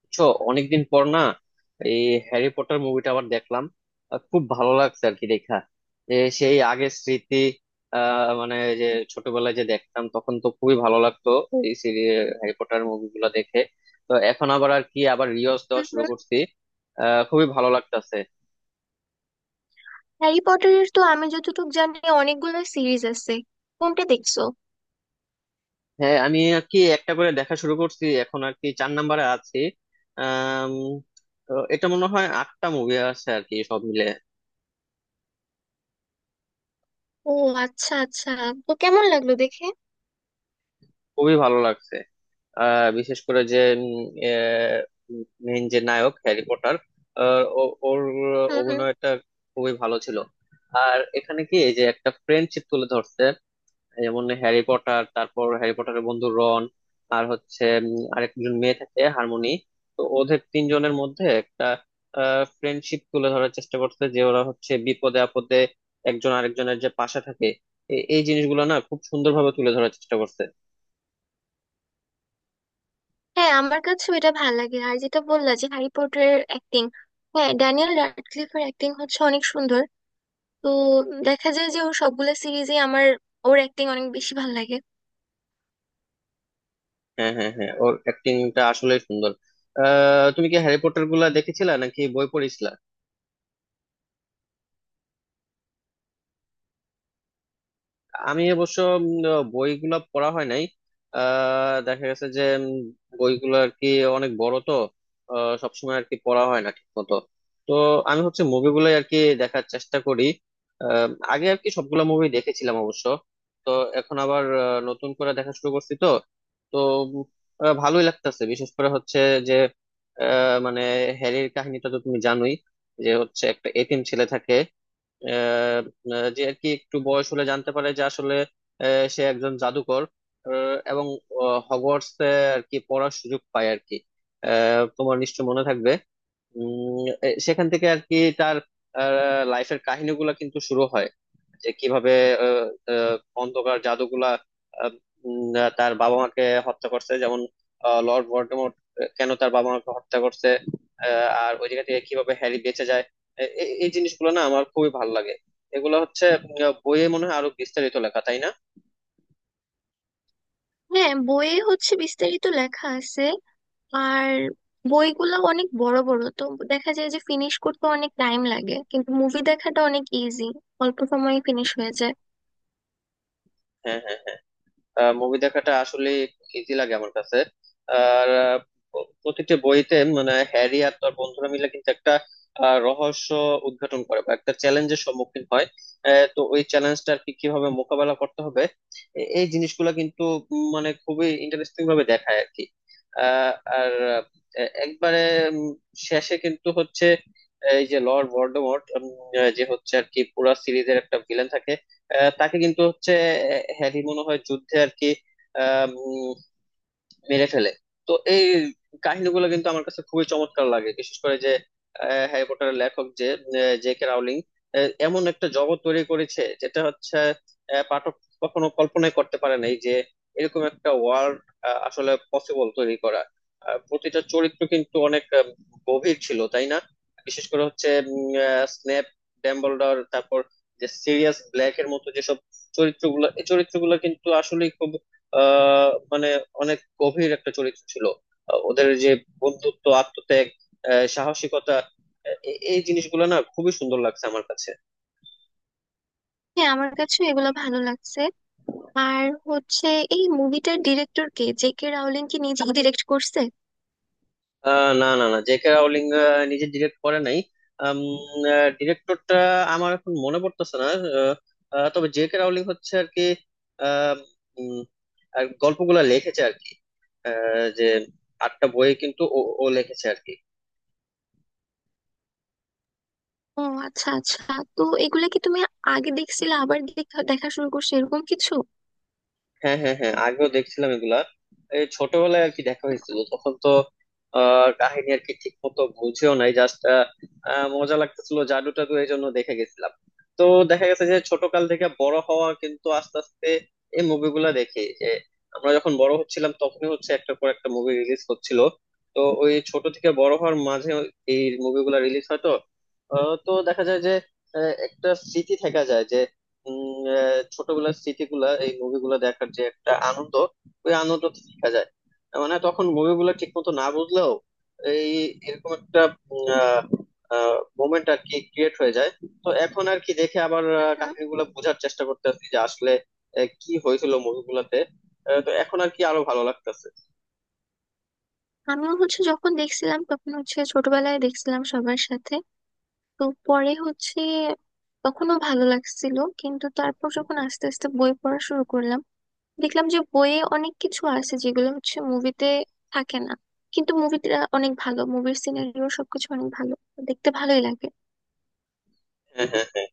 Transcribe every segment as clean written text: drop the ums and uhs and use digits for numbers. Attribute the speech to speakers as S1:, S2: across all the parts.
S1: বুঝছো? অনেকদিন পর না? এই হ্যারি পটার মুভিটা আবার দেখলাম। খুব ভালো লাগছে আর কি, দেখা যে সেই আগের স্মৃতি। মানে, যে ছোটবেলায় যে দেখতাম তখন তো খুবই ভালো লাগতো এই সিরিজ হ্যারি পটার মুভিগুলো দেখে। তো এখন আবার আর কি, আবার রিওয়াজ দেওয়া
S2: হুম।
S1: শুরু করছি। খুবই ভালো লাগতাছে।
S2: হ্যারি পটারের তো আমি যতটুকু জানি অনেকগুলো সিরিজ আছে, কোনটা দেখছো?
S1: হ্যাঁ, আমি আর কি একটা করে দেখা শুরু করছি, এখন আর কি চার নাম্বারে আছি। আহ এটা মনে হয় আটটা মুভি আছে আর কি সব মিলে।
S2: ও, আচ্ছা আচ্ছা। তো কেমন লাগলো দেখে?
S1: খুবই ভালো লাগছে। বিশেষ করে যে মেইন যে নায়ক হ্যারি পটার, ওর
S2: হুম হুম।
S1: অভিনয়টা খুবই ভালো ছিল। আর এখানে কি এই যে একটা ফ্রেন্ডশিপ তুলে ধরছে, যেমন হ্যারি পটার, তারপর হ্যারি পটারের বন্ধু রন, আর হচ্ছে আরেকজন মেয়ে থাকে হারমোনি। তো ওদের তিনজনের মধ্যে একটা ফ্রেন্ডশিপ তুলে ধরার চেষ্টা করছে, যে ওরা হচ্ছে বিপদে আপদে একজন আরেকজনের যে পাশে থাকে। এই জিনিসগুলো না খুব সুন্দরভাবে তুলে ধরার চেষ্টা করছে।
S2: হ্যাঁ, আমার কাছেও এটা ভালো লাগে। আর যেটা বললা যে হ্যারি পটারের অ্যাক্টিং, হ্যাঁ, ড্যানিয়েল র্যাডক্লিফের অ্যাক্টিং হচ্ছে অনেক সুন্দর। তো দেখা যায় যে ওর সবগুলো সিরিজে আমার ওর অ্যাক্টিং অনেক বেশি ভালো লাগে।
S1: হ্যাঁ, হ্যাঁ, হ্যাঁ, ওর অ্যাক্টিংটা আসলেই সুন্দর। তুমি কি হ্যারি পটার গুলা দেখেছিলা নাকি বই পড়েছিলা? আমি অবশ্য বইগুলো পড়া হয় নাই। দেখা গেছে যে বইগুলো আর কি অনেক বড় তো, সবসময় আর কি পড়া হয় না ঠিক মতো। তো আমি হচ্ছে মুভিগুলো আর কি দেখার চেষ্টা করি। আহ, আগে আর কি সবগুলো মুভি দেখেছিলাম অবশ্য। তো এখন আবার নতুন করে দেখা শুরু করছি তো। তো উম, ভালোই লাগতেছে, বিশেষ করে হচ্ছে যে, মানে, হ্যারির কাহিনীটা তো তুমি জানোই, যে হচ্ছে একটা এতিম ছেলে থাকে, আহ আহ, যে আর কি একটু বয়স হলে জানতে পারে যে আসলে সে একজন জাদুকর, এবং হগওয়ার্টস আর কি পড়ার সুযোগ পায় আর কি। তোমার নিশ্চয় মনে থাকবে, সেখান থেকে আর কি তার লাইফের কাহিনীগুলো কিন্তু শুরু হয়, যে কিভাবে আহ, আহ, অন্ধকার জাদুগুলা আহ, তার বাবা মাকে হত্যা করছে, যেমন লর্ড ভলডেমর্ট কেন তার বাবা মাকে হত্যা করছে, আর ওই জায়গা থেকে কিভাবে হ্যারি বেঁচে যায়। এই জিনিসগুলো না আমার খুবই ভালো লাগে। এগুলো হচ্ছে বইয়ে মনে হয় আরো বিস্তারিত লেখা, তাই না?
S2: হ্যাঁ, বইয়ে হচ্ছে বিস্তারিত লেখা আছে। আর বইগুলো অনেক বড় বড় তো দেখা যায় যে ফিনিশ করতে অনেক টাইম লাগে, কিন্তু মুভি দেখাটা অনেক ইজি, অল্প সময়ে ফিনিশ হয়ে যায়।
S1: হ্যাঁ, হ্যাঁ, হ্যাঁ, মুভি দেখাটা আসলে ইজি লাগে আমার কাছে। আর প্রতিটি বইতে মানে হ্যারি আর তার বন্ধুরা মিলে কিন্তু একটা রহস্য উদ্ঘাটন করে বা একটা চ্যালেঞ্জের সম্মুখীন হয়। তো ওই চ্যালেঞ্জটা আর কি কিভাবে মোকাবেলা করতে হবে, এই জিনিসগুলো কিন্তু, মানে, খুবই ইন্টারেস্টিং ভাবে দেখায় আর কি। আহ, আর একবারে উম, শেষে কিন্তু হচ্ছে এই যে লর্ড ভলডেমর্ট, যে হচ্ছে আর কি পুরা সিরিজের একটা ভিলেন থাকে, তাকে কিন্তু হচ্ছে হ্যারি মনে হয় যুদ্ধে আর কি আহ উম, মেরে ফেলে। তো এই কাহিনীগুলো কিন্তু আমার কাছে খুবই চমৎকার লাগে, বিশেষ করে যে হ্যারি পটারের লেখক যে জে কে রাউলিং এমন একটা জগৎ তৈরি করেছে, যেটা হচ্ছে পাঠক কখনো কল্পনাই করতে পারে নাই যে এরকম একটা ওয়ার্ল্ড আসলে পসিবল তৈরি করা। আর প্রতিটা চরিত্র কিন্তু অনেক গভীর ছিল, তাই না? বিশেষ করে হচ্ছে স্নেপ, ডাম্বলডর, তারপর যে সিরিয়াস ব্ল্যাক এর মতো যেসব চরিত্রগুলো, এই চরিত্রগুলো কিন্তু আসলে খুব মানে অনেক গভীর একটা চরিত্র ছিল। ওদের যে বন্ধুত্ব, আত্মত্যাগ, সাহসিকতা, এই জিনিসগুলো না খুবই সুন্দর লাগছে আমার কাছে।
S2: হ্যাঁ, আমার কাছে এগুলো ভালো লাগছে। আর হচ্ছে এই মুভিটার ডিরেক্টর কে? জে কে রাউলিং কি নিজে ডিরেক্ট করছে?
S1: না, না, না, জেকে রাউলিং নিজে ডিরেক্ট করে নাই। ডিরেক্টরটা আমার এখন মনে পড়তেছে না। আহ, আহ, তবে জেকে রাউলিং হচ্ছে আর কি আহ, উম, আর গল্পগুলা লিখেছে আর কি, যে আটটা বই কিন্তু ও ও লিখেছে আর কি।
S2: ও, আচ্ছা আচ্ছা। তো এগুলা কি তুমি আগে দেখছিলে আবার দেখা দেখা শুরু করছো, এরকম কিছু?
S1: হ্যাঁ, হ্যাঁ, হ্যাঁ, আগেও দেখছিলাম এগুলা। এই ছোটবেলায় আর কি দেখা হয়েছিল, তখন তো কাহিনী আর কি ঠিক মতো বুঝেও নাই, জাস্ট মজা লাগতেছিল জাদু টাদু, এই জন্য দেখে গেছিলাম। তো দেখা গেছে যে ছোটকাল থেকে বড় হওয়া কিন্তু আস্তে আস্তে এই মুভিগুলা দেখি, যে আমরা যখন বড় হচ্ছিলাম তখনই হচ্ছে একটা পর একটা মুভি রিলিজ হচ্ছিল। তো ওই ছোট থেকে বড় হওয়ার মাঝে এই মুভিগুলা রিলিজ হয় তো। তো দেখা যায় যে একটা স্মৃতি থেকে যায়, যে ছোটবেলার স্মৃতিগুলা, এই মুভিগুলো দেখার যে একটা আনন্দ, ওই আনন্দ থেকে যায়। মানে তখন মুভিগুলো ঠিক মতো না বুঝলেও এই, এরকম একটা মোমেন্ট আর কি ক্রিয়েট হয়ে যায়। তো এখন আর কি দেখে আবার
S2: হুম হুম।
S1: কাহিনীগুলো বোঝার চেষ্টা করতেছি, যে আসলে কি হয়েছিল মুভিগুলোতে। তো এখন আর কি আরো ভালো লাগতেছে।
S2: আমিও হচ্ছে যখন দেখছিলাম তখন হচ্ছে ছোটবেলায় দেখছিলাম সবার সাথে। তো পরে হচ্ছে তখনও ভালো লাগছিল, কিন্তু তারপর যখন আস্তে আস্তে বই পড়া শুরু করলাম, দেখলাম যে বইয়ে অনেক কিছু আছে যেগুলো হচ্ছে মুভিতে থাকে না। কিন্তু মুভিটা অনেক ভালো, মুভির সিনারিও সবকিছু অনেক ভালো, দেখতে ভালোই লাগে।
S1: হ্যাঁ, হ্যাঁ, হ্যাঁ,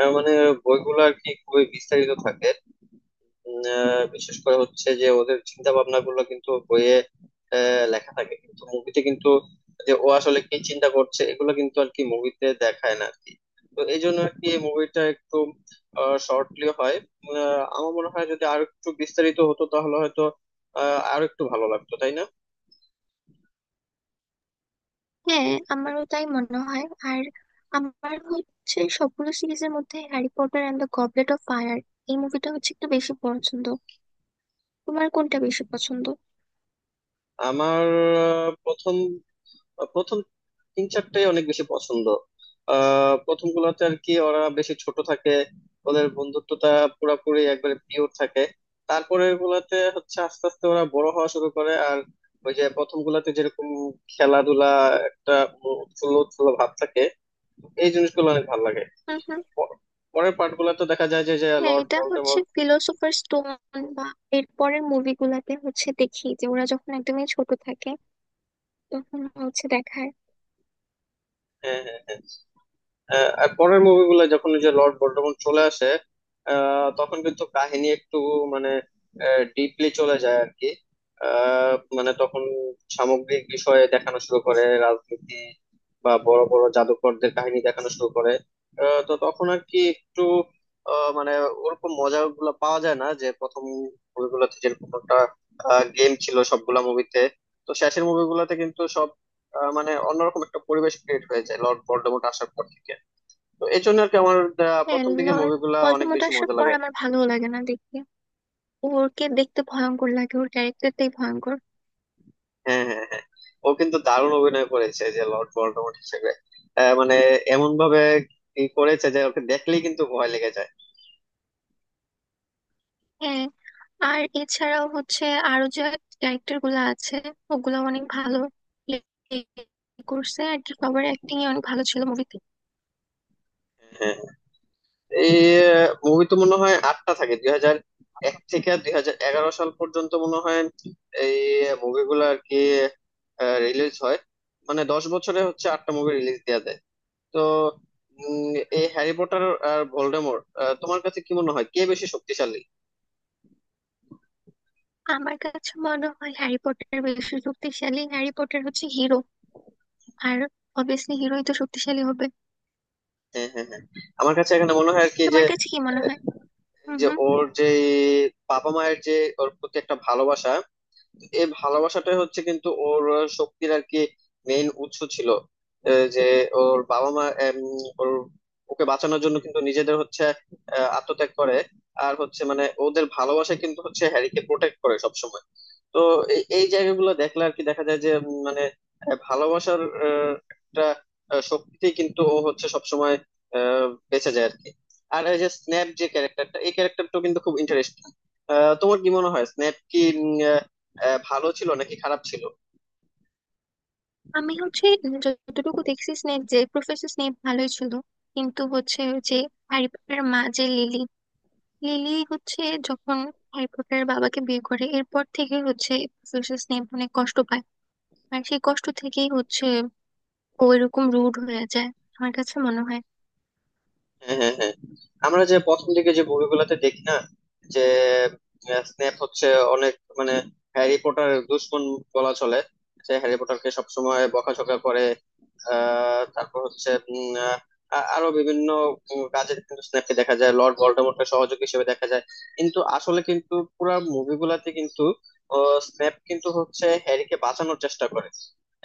S1: মানে বইগুলো আর কি খুবই বিস্তারিত থাকে। বিশেষ করে হচ্ছে যে ওদের চিন্তা ভাবনা গুলো কিন্তু বইয়ে লেখা থাকে, কিন্তু মুভিতে কিন্তু যে ও আসলে কি চিন্তা করছে এগুলো কিন্তু আর কি মুভিতে দেখায় না আর কি। তো এই জন্য আর কি মুভিটা একটু শর্টলি হয়। আমার মনে হয় যদি আরো একটু বিস্তারিত হতো তাহলে হয়তো আরো একটু ভালো লাগতো, তাই না?
S2: হ্যাঁ, আমারও তাই মনে হয়। আর আমার হচ্ছে সবগুলো সিরিজের মধ্যে Harry Potter and the Goblet of Fire, এই মুভিটা হচ্ছে একটু বেশি পছন্দ। তোমার কোনটা বেশি পছন্দ?
S1: আমার আহ, প্রথম প্রথম তিন চারটাই অনেক বেশি পছন্দ। প্রথম গুলাতে আর কি ওরা বেশি ছোট থাকে, ওদের বন্ধুত্বটা পুরাপুরি একবারে পিওর থাকে। তারপরের গুলাতে হচ্ছে আস্তে আস্তে ওরা বড় হওয়া শুরু করে, আর ওই যে প্রথম গুলাতে যেরকম খেলাধুলা, একটা উৎফুল্ল উৎফুল্ল ভাব থাকে, এই জিনিসগুলো অনেক ভালো লাগে। প- পরের পার্ট গুলাতে দেখা যায় যে যে
S2: হ্যাঁ,
S1: লর্ড
S2: এটা হচ্ছে
S1: ভোল্ডেমর্ট।
S2: ফিলোসোফার স্টোন, বা এর পরের মুভিগুলাতে হচ্ছে দেখি যে ওরা যখন একদমই ছোট থাকে তখন হচ্ছে দেখায়।
S1: হ্যাঁ, হ্যাঁ, হ্যাঁ, আর পরের মুভিগুলো যখন ওই যে লর্ড ভলডেমর্ট চলে আসে, তখন কিন্তু কাহিনী একটু, মানে, ডিপলি চলে যায় আর কি। মানে তখন সামগ্রিক বিষয়ে দেখানো শুরু করে, রাজনীতি বা বড় বড় জাদুকরদের কাহিনী দেখানো শুরু করে। তো তখন আর কি একটু, মানে ওরকম মজা গুলো পাওয়া যায় না, যে প্রথম মুভিগুলোতে যেরকম একটা গেম ছিল সবগুলা মুভিতে। তো শেষের মুভিগুলোতে কিন্তু সব মানে অন্যরকম একটা পরিবেশ ক্রিয়েট হয়ে যায় লর্ড ভলডেমর্ট আসার পর থেকে। তো এই জন্য আর কি আমার
S2: হ্যাঁ,
S1: প্রথম দিকের
S2: লর্ড
S1: মুভিগুলা অনেক
S2: ভলডেমর্ট
S1: বেশি
S2: আসার
S1: মজা
S2: পর
S1: লাগে।
S2: আমার ভালো লাগে না দেখতে, ওরকে দেখতে ভয়ঙ্কর লাগে, ওর ক্যারেক্টারটাই ভয়ঙ্কর।
S1: হ্যাঁ, হ্যাঁ, হ্যাঁ, ও কিন্তু দারুণ অভিনয় করেছে যে লর্ড ভলডেমর্ট হিসেবে। মানে এমন ভাবে কি করেছে যে ওকে দেখলেই কিন্তু ভয় লেগে যায়।
S2: হ্যাঁ। আর এছাড়াও হচ্ছে আরো যে ক্যারেক্টার গুলো আছে, ওগুলো অনেক ভালো play করছে আর কি, সবার অ্যাক্টিং অনেক ভালো ছিল মুভিতে।
S1: হ্যাঁ, হ্যাঁ। এই মুভি তো মনে হয় আটটা থাকে, 2001 থেকে 2011 সাল পর্যন্ত মনে হয় এই মুভিগুলো আর কি রিলিজ হয়। মানে 10 বছরে হচ্ছে আটটা মুভি রিলিজ দেওয়া দেয়। তো উম, এই হ্যারি পটার আর ভোল্ডেমর, তোমার কাছে কি মনে হয় কে বেশি শক্তিশালী?
S2: আমার কাছে মনে হয় হ্যারি পটার বেশি শক্তিশালী, হ্যারি পটার হচ্ছে হিরো। আর অবভিয়াসলি হিরোই তো শক্তিশালী হবে।
S1: হ্যাঁ, হ্যাঁ, হ্যাঁ, আমার কাছে এখানে মনে হয় আর কি যে,
S2: তোমার কাছে কি মনে হয়?
S1: এই
S2: হুম
S1: যে
S2: হুম।
S1: ওর যে বাবা মায়ের যে ওর প্রতি একটা ভালোবাসা, এই ভালোবাসাটাই হচ্ছে কিন্তু ওর শক্তির আর কি মেইন উৎস ছিল। যে ওর বাবা মা ওর ওকে বাঁচানোর জন্য কিন্তু নিজেদের হচ্ছে আত্মত্যাগ করে। আর হচ্ছে মানে ওদের ভালোবাসা কিন্তু হচ্ছে হ্যারিকে প্রোটেক্ট করে সবসময়। তো এই এই জায়গাগুলো দেখলে আর কি দেখা যায় যে, মানে, ভালোবাসার একটা শক্তিতেই কিন্তু ও হচ্ছে সবসময় বেঁচে যায় আর কি। আর এই যে স্ন্যাপ যে ক্যারেক্টারটা, এই ক্যারেক্টারটা কিন্তু খুব ইন্টারেস্টিং। তোমার কি মনে হয় স্ন্যাপ কি ভালো ছিল নাকি খারাপ ছিল?
S2: আমি হচ্ছে যতটুকু দেখছি স্নেপ, যে প্রফেসর স্নেপ ভালোই ছিল। কিন্তু হচ্ছে ওই যে হ্যারি পটারের মা যে লিলি, লিলি হচ্ছে যখন হ্যারি পটারের বাবাকে বিয়ে করে এরপর থেকে হচ্ছে প্রফেসর স্নেপ অনেক কষ্ট পায়। আর সেই কষ্ট থেকেই হচ্ছে ও এরকম রুড হয়ে যায়, আমার কাছে মনে হয়।
S1: হ্যাঁ, হ্যাঁ, হ্যাঁ, আমরা যে প্রথম দিকে যে মুভিগুলোতে দেখি না যে স্নেপ হচ্ছে অনেক, মানে, হ্যারি পটার দুশমন বলা চলে, যে হ্যারি পটারকে সবসময় বকাঝকা করে। তারপর হচ্ছে আরো বিভিন্ন কাজে কিন্তু স্নেপকে দেখা যায় লর্ড ভলডেমর্টের সহযোগী হিসেবে দেখা যায়। কিন্তু আসলে কিন্তু পুরো মুভিগুলাতে কিন্তু স্নেপ কিন্তু হচ্ছে হ্যারিকে বাঁচানোর চেষ্টা করে।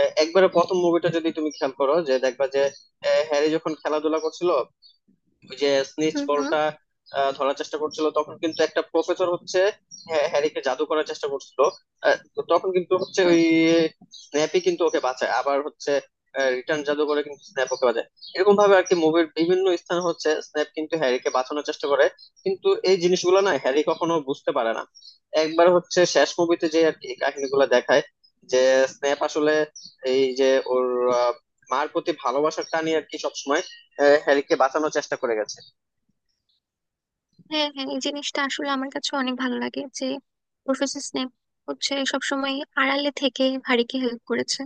S1: একবারে প্রথম মুভিটা যদি তুমি খেয়াল করো যে দেখবা যে, হ্যারি যখন খেলাধুলা করছিল ওই যে স্নিচ
S2: হুম হুম।
S1: বলটা ধরার চেষ্টা করছিল, তখন কিন্তু একটা প্রফেসর হচ্ছে হ্যারিকে জাদু করার চেষ্টা করছিল। তো তখন কিন্তু হচ্ছে
S2: হুম।
S1: ওই স্ন্যাপই কিন্তু ওকে বাঁচায়, আবার হচ্ছে রিটার্ন জাদু করে কিন্তু স্ন্যাপ ওকে বাঁচায়। এরকম ভাবে আর কি মুভির বিভিন্ন স্থান হচ্ছে স্ন্যাপ কিন্তু হ্যারিকে বাঁচানোর চেষ্টা করে, কিন্তু এই জিনিসগুলো না হ্যারি কখনো বুঝতে পারে না। একবার হচ্ছে শেষ মুভিতে যে আর কি এই কাহিনীগুলো দেখায় যে স্ন্যাপ আসলে এই যে ওর আহ, মার প্রতি ভালোবাসার টানই আর কি সবসময় হ্যারিকে বাঁচানোর চেষ্টা করে গেছে।
S2: হ্যাঁ হ্যাঁ, এই জিনিসটা আসলে আমার কাছে অনেক ভালো লাগে যে প্রফেসর স্নেপ হচ্ছে সবসময় আড়ালে থেকে হারিকে হেল্প করেছে।